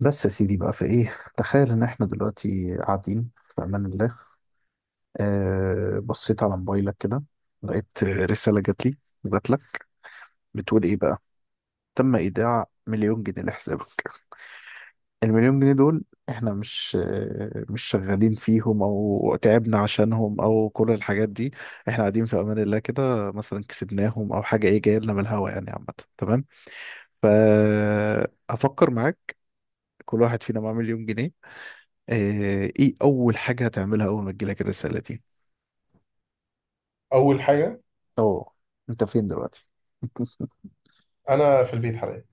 بس يا سيدي بقى، في ايه؟ تخيل ان احنا دلوقتي قاعدين في امان الله. آه، بصيت على موبايلك كده. لقيت رسالة جات لي. جات لك. بتقول ايه بقى؟ تم ايداع مليون جنيه لحسابك. المليون جنيه دول، احنا مش مش شغالين فيهم او تعبنا عشانهم او كل الحاجات دي. احنا قاعدين في امان الله كده، مثلا كسبناهم او حاجة، ايه؟ جاية لنا من الهوا يعني. عامة، تمام؟ فافكر معاك، كل واحد فينا معاه مليون جنيه. آه، ايه اول حاجة هتعملها اول ما تجيلك الرسالة دي؟ اول حاجه، اوه، انت فين دلوقتي؟ انا في البيت حاليا.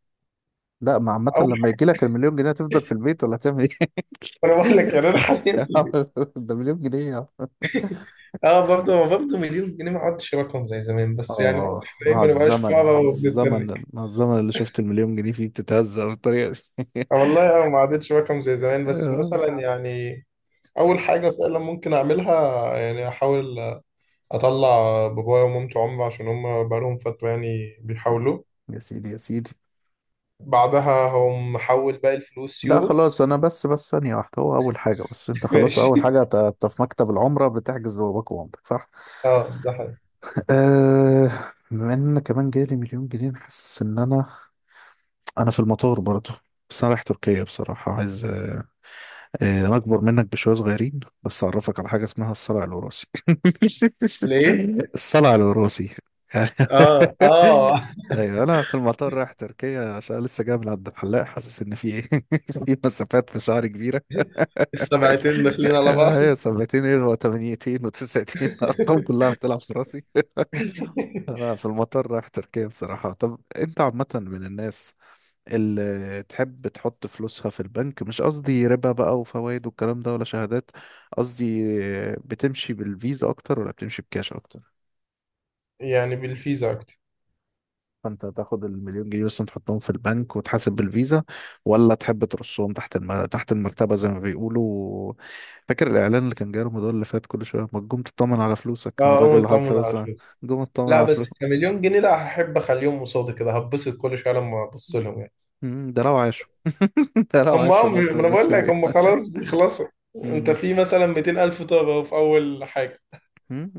لا ما عامة، اول لما يجي حاجه، لك المليون جنيه هتفضل في البيت ولا هتعمل ايه؟ انا بقول لك يعني انا حاليا في البيت. ده مليون جنيه. اه، برضه مليون جنيه ما عادش رقم زي زمان، بس يعني برضه اه، على حاليا ما نبقاش الزمن، على فقراء الزمن، وبنتنك. على الزمن اللي شفت المليون جنيه فيه بتتهزق بالطريقة دي. آه والله، اه، ما عادتش رقم زي زمان، بس آه. مثلا يعني اول حاجه فعلا ممكن اعملها، يعني احاول اطلع بابايا ومامتي عمره عشان هم بقالهم فتره يعني بيحاولوا. يا سيدي يا سيدي، بعدها هم حول باقي الفلوس لا يورو. خلاص، انا بس ثانية واحدة، هو اول حاجة، بس انت خلاص ماشي. اول حاجة انت في مكتب العمرة بتحجز باباك ومامتك صح؟ اه، ده حاجه. أه، بما ان كمان جالي مليون جنيه، حاسس ان انا في المطار برضه، بس انا رايح تركيا بصراحة، عايز انا اكبر منك بشوية صغيرين بس، اعرفك على حاجة اسمها الصلع الوراثي. ليه؟ الصلع الوراثي. اه، اه. ايوه، انا في المطار رايح تركيا عشان لسه جاي من عند الحلاق، حاسس ان في ايه، في مسافات في شعري كبيرة. السبعتين داخلين على بعض. هي سبعتين ايه وثمانيتين وتسعتين، ارقام كلها بتلعب في راسي. انا في المطار رايح تركيا بصراحة. طب انت عامة من الناس اللي تحب تحط فلوسها في البنك، مش قصدي ربا بقى وفوائد والكلام ده ولا شهادات، قصدي بتمشي بالفيزا اكتر ولا بتمشي بكاش اكتر؟ يعني بالفيزا اكتر. فانت تاخد المليون جنيه مثلا تحطهم في البنك وتحاسب بالفيزا، ولا تحب ترصهم تحت تحت المرتبة زي ما بيقولوا؟ فاكر الاعلان اللي كان جاي رمضان اللي فات، كل شوية ما تقوم تطمن على فلوسك، كان اه، الراجل قوم اللي حاطط اطمن على فلوسها، الفلوس. قوم اطمن لا، على بس فلوسك. كمليون جنيه، لا، هحب اخليهم قصادي كده هتبسط كل شويه لما ابص لهم يعني. ده لو عاشوا. انت لو هم، عايش في ما منطقة، انا بس بقول لك في هم خلاص بيخلصوا. انت مم. في مثلا 200 الف طابه أهو، في اول حاجه. مم.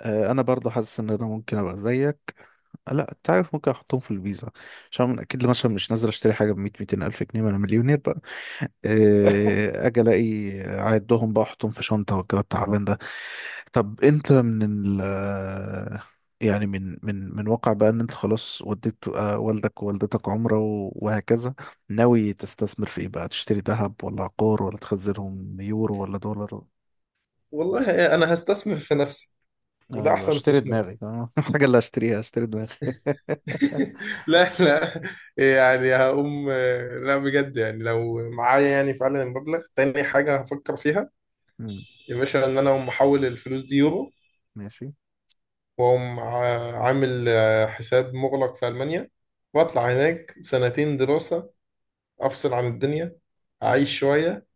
انا برضو حاسس ان انا ممكن ابقى زيك. لا انت عارف ممكن احطهم في الفيزا عشان أنا اكيد مثلا مش نازل اشتري حاجه ب 100 200 الف جنيه، ما انا مليونير بقى. اجي الاقي اعدهم بقى احطهم في شنطه والكلام التعبان ده. طب انت من ال آه، يعني من واقع بقى ان انت خلاص وديت، والدك ووالدتك عمره وهكذا، ناوي تستثمر في ايه بقى؟ تشتري ذهب ولا عقار ولا تخزنهم يورو ولا دولار؟ والله انا هستثمر في نفسي. وده ايوه، احسن اشتري استثمار. دماغي اه، الحاجة اللي هشتريها هشتري دماغي. لا، لا، يعني هقوم. لا بجد، يعني لو معايا يعني فعلا المبلغ، تاني حاجة هفكر فيها أمم، يا باشا ان انا اقوم احول الفلوس دي يورو. ماشي، وأقوم عامل حساب مغلق في ألمانيا. وأطلع هناك سنتين دراسة. أفصل عن الدنيا، أعيش شوية،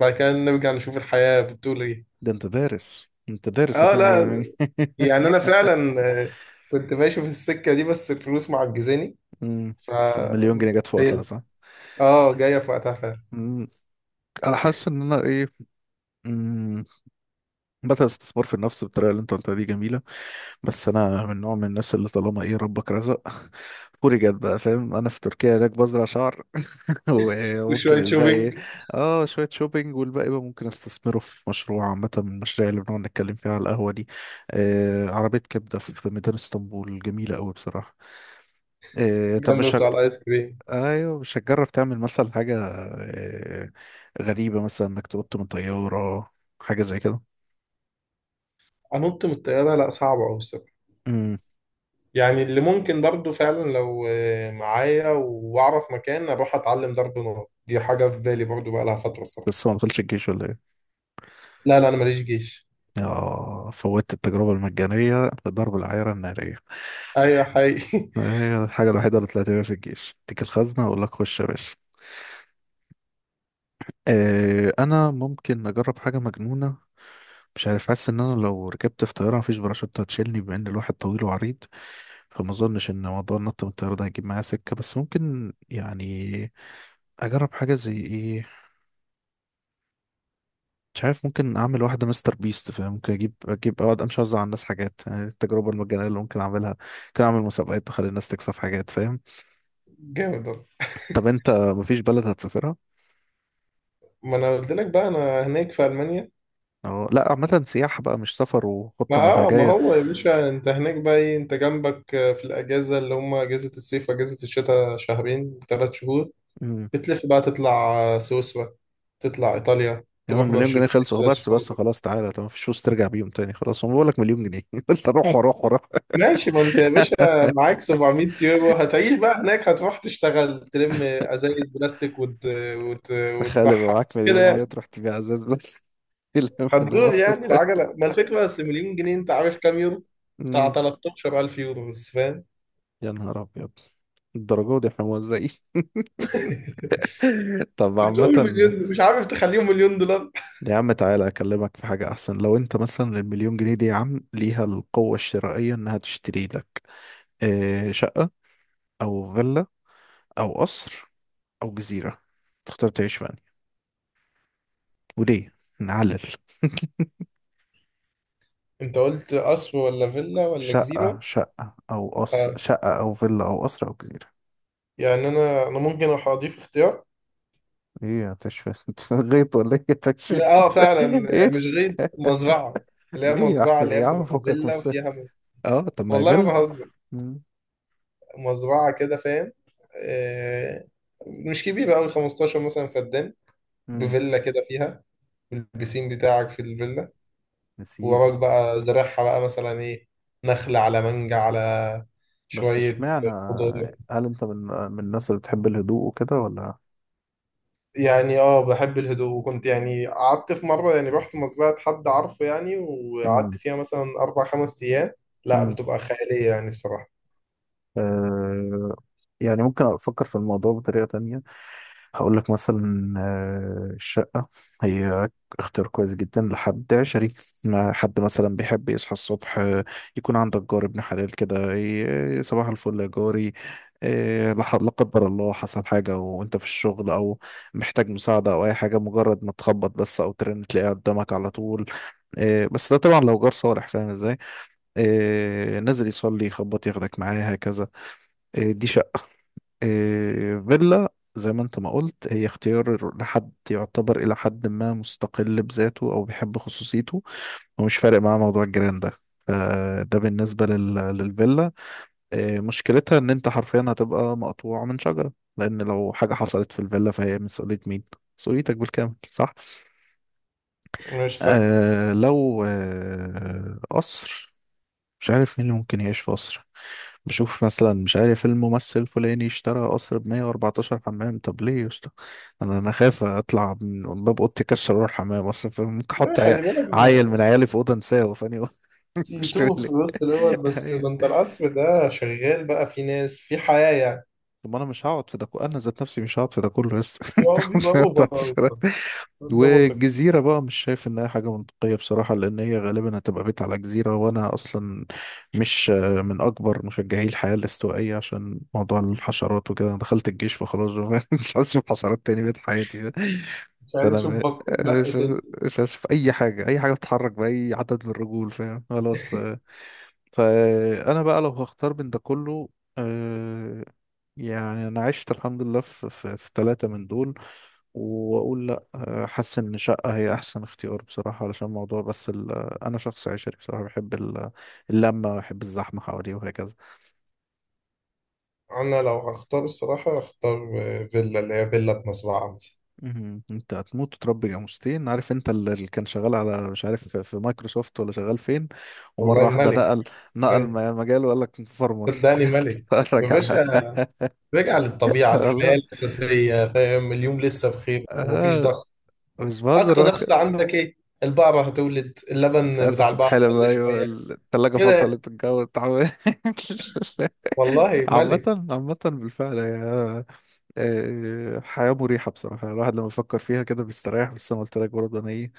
بعد كده نرجع نشوف الحياة بتقول إيه. ده انت دارس، انت دارس آه هتعمل لا، ايه؟ يعني أنا فعلا، كنت ماشي في السكة دي بس الفلوس معجزاني. أمم، ف فالمليون جنيه جت في وقتها شايل صح؟ آه جاية في وقتها فعلا. مم. انا حاسس ان انا ايه، مم. بدأ الاستثمار في النفس بالطريقه اللي انت قلتها دي جميله، بس انا من نوع من الناس اللي طالما ايه ربك رزق فوري جت بقى، فاهم؟ انا في تركيا هناك بزرع شعر. وممكن وشوية الباقي ايه؟ شوبينج. اه، شوية شوبينج، والباقي بقى ممكن استثمره في مشروع، عامة من المشاريع اللي بنقعد نتكلم فيها على القهوة دي. آه، عربية كبدة في ميدان اسطنبول جميلة أوي بصراحة. آه، طب مش جنب بتوع الآيس كريم. ايوه، مش هتجرب تعمل مثلا حاجة آه غريبة، مثلا انك تنط من طيارة، حاجة زي كده؟ أنط من الطيارة؟ لا، صعبة أوي الصراحة. امم يعني اللي ممكن برضو فعلا لو معايا واعرف مكان اروح اتعلم ضرب نار، دي حاجه في بالي برضو بقى لها فتره الصراحه. بس هو ما دخلش الجيش ولا ايه؟ لا، لا، انا ماليش جيش. اه، فوتت التجربة المجانية لضرب العيارة النارية. ايوه حقيقي. هي الحاجة الوحيدة اللي طلعت بيها في الجيش، اديك الخزنة اقول لك خش يا باشا. انا ممكن اجرب حاجه مجنونه، مش عارف. حاسس ان انا لو ركبت في طياره مفيش باراشوت هتشيلني، بما ان الواحد طويل وعريض، فما اظنش ان موضوع النط من الطياره ده هيجيب معايا سكه، بس ممكن يعني اجرب حاجه زي ايه، مش عارف. ممكن اعمل واحده مستر بيست، فاهم؟ ممكن اجيب اجيب اقعد امشي اوزع على الناس حاجات، يعني دي التجربه المجانيه اللي ممكن اعملها. ممكن اعمل مسابقات واخلي الناس تكسب حاجات، فاهم. جامد والله. طب انت مفيش بلد هتسافرها؟ ما انا قلت لك بقى انا هناك في المانيا. اه لا، عامه سياحه بقى مش سفر ما وخطه اه ما منهجيه. هو يا باشا، انت هناك بقى ايه؟ انت جنبك، في الاجازه اللي هم اجازه الصيف واجازه الشتاء شهرين ثلاث شهور، بتلف بقى تطلع سويسرا، تطلع ايطاليا، يا عم تروح المليون جنيه برشلونه خلصوا، بس بس كده. خلاص تعالى. طب مفيش فلوس ترجع بيهم تاني؟ خلاص، ما بقول لك مليون جنيه، قلت اروح واروح واروح. ماشي. ما انت يا باشا معاك 700 يورو، هتعيش بقى هناك؟ هتروح تشتغل تلم ازايز بلاستيك تخيل يبقى وتبعها معاك كده مليون جنيه يعني. تروح تبيع ازاز بس، لما ده هتدور مرة. يعني العجله، ما الفكره اصل مليون جنيه انت عارف كام يورو؟ بتاع أمم، 13000 يورو بس فاهم. يا نهار ابيض، الدرجة دي احنا موزعين. طب بتقول عامة، مليون، مش عارف، تخليهم مليون دولار. يا عم تعالى اكلمك في حاجة احسن. لو انت مثلا المليون جنيه دي يا عم ليها القوة الشرائية انها تشتري لك، شقة او فيلا او قصر او جزيرة، تختار تعيش في أنهي؟ وليه؟ نعلل. انت قلت قصر ولا فيلا ولا شقة، جزيره؟ شقة أو قصر، اه، شقة أو فيلا أو قصر أو جزيرة. يعني انا ممكن اضيف اختيار. إيه، هتشفي؟ أنت غيط ولا إيه تشفي؟ لا، اه، فعلا إيه يعني مش غير ده؟ مزرعه اللي هي ليه يا مزرعه، اللي هي يا عم بتبقى فكك من فيلا السهل؟ وفيها أه، طب ما هي والله ما فيلا. بهزر. مم. مزرعة كده فاهم. آه، مش كبيرة أوي 15 مثلا فدان. مم. بفيلا كده فيها، والبسين بتاعك في الفيلا، يا سيدي. ووراك بقى زرعها بقى مثلا إيه، نخل على مانجا على بس شوية اشمعنى، خضار. هل أنت من الناس اللي بتحب الهدوء وكده ولا؟ يعني اه، بحب الهدوء، وكنت يعني قعدت في مرة يعني رحت مزرعة حد عارفه يعني وقعدت مم. فيها مثلا أربع خمس أيام. لا، مم. بتبقى خيالية يعني الصراحة. آه، يعني ممكن أفكر في الموضوع بطريقة تانية. هقول لك مثلا، الشقة هي اختيار كويس جدا لحد عشري، ما حد مثلا بيحب يصحى الصبح، يكون عندك جار ابن حلال كده، صباح الفل يا جاري. لا لا قدر الله حصل حاجة وانت في الشغل او محتاج مساعدة او اي حاجة، مجرد ما تخبط بس او ترن تلاقيه قدامك على طول. بس ده طبعا لو جار صالح، فاهم ازاي؟ نازل يصلي يخبط ياخدك معاه هكذا. دي. إيه، فيلا زي ما انت ما قلت، هي اختيار لحد يعتبر الى حد ما مستقل بذاته او بيحب خصوصيته ومش فارق معاه موضوع الجيران ده، فده بالنسبة للفيلا. إيه، مشكلتها ان انت حرفيا هتبقى مقطوع من شجرة، لان لو حاجة حصلت في الفيلا فهي مسؤولية مين؟ مسؤوليتك بالكامل صح؟ مش سهل. آه، لو قصر، مش عارف مين اللي ممكن يعيش في قصر. بشوف مثلا، مش عارف، الممثل الفلاني اشترى قصر ب 114 حمام، طب ليه يا اسطى؟ انا خايف اطلع من باب اوضتي اكسر اروح حمام اصلا، فممكن لا، احط خلي بالك. عيل من عيالي في اوضه انساه فاني. تي مش فاهم تو في ليه. الوسط دوت، بس ده ايوه. انت القصر ده شغال بقى في ناس في حياة يعني. طب ما انا مش هقعد في ده انا ذات نفسي مش هقعد في ده كله لسه، هو الحمد بيبقى لله اوفر طلعت قوي سلام. بصراحة. ده منطقي. والجزيرة بقى مش شايف إنها حاجة منطقية بصراحة، لأن هي غالبا هتبقى بيت على جزيرة، وأنا أصلا مش من أكبر مشجعي الحياة الاستوائية عشان موضوع الحشرات وكده. أنا دخلت الجيش فخلاص بقى، مش عايز أشوف حشرات تاني بقيت حياتي. مش عايز فأنا اشوف م- بق تاني. مش عايز أشوف أي حاجة، أي حاجة بتتحرك بأي عدد من الرجول، فاهم؟ خلاص آه. فأنا بقى لو هختار بين ده كله، آه، يعني انا عشت الحمد لله في ثلاثة من دول، واقول لا، حاسس ان شقة هي احسن اختيار بصراحة، علشان موضوع بس انا شخص عشري بصراحة، بحب اللمة، بحب الزحمة حواليه وهكذا. انا لو هختار الصراحة هختار، فيلا، اللي هي فيلا بمزرعة مثلا. مهم. انت هتموت وتربي جاموستين. عارف انت اللي كان شغال على، مش عارف، في مايكروسوفت ولا شغال فين، ومرة والله واحدة ملك. نقل، نقل ملك. مجاله وقال لك فارمر، صدقني ملك يا اتفرج على. باشا. رجع للطبيعة، الحياة والله الأساسية، فاهم؟ اليوم لسه بخير ومفيش آه، ضغط. مش بهزر. أكتر ضغط عندك إيه؟ البقرة هتولد، انت اللبن عايزة بتاع البقرة تتحلم قل ايوه؟ شوية التلاجة كده. فصلت، الجو اتعمل. والله ملك. عامة بالفعل هي، حياة مريحة بصراحة، يعني الواحد لما بيفكر فيها كده بيستريح، بس انا قلت لك برضه انا ايه،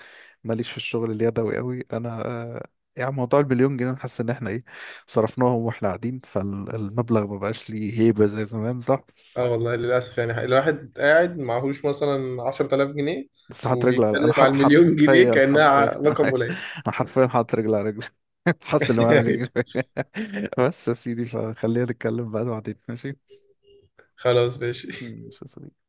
ماليش في الشغل اليدوي قوي انا، يعني موضوع البليون جنيه أنا حاسس ان احنا ايه، صرفناهم واحنا قاعدين، فالمبلغ ما بقاش ليه هيبة زي زمان صح. اه والله للأسف، يعني الواحد قاعد معهوش مثلا 10000 جنيه بس حاطط رجل على، انا وبيتكلم على حاط المليون جنيه حرفيا، كأنها رقم انا قليل. حرفيا حاطط رجل على رجل، حاسس اللي معاه مليون جنيه. بس يا سيدي، فخلينا نتكلم بقى بعدين ماشي؟ خلاص، ماشي. ماشي يا صديقي.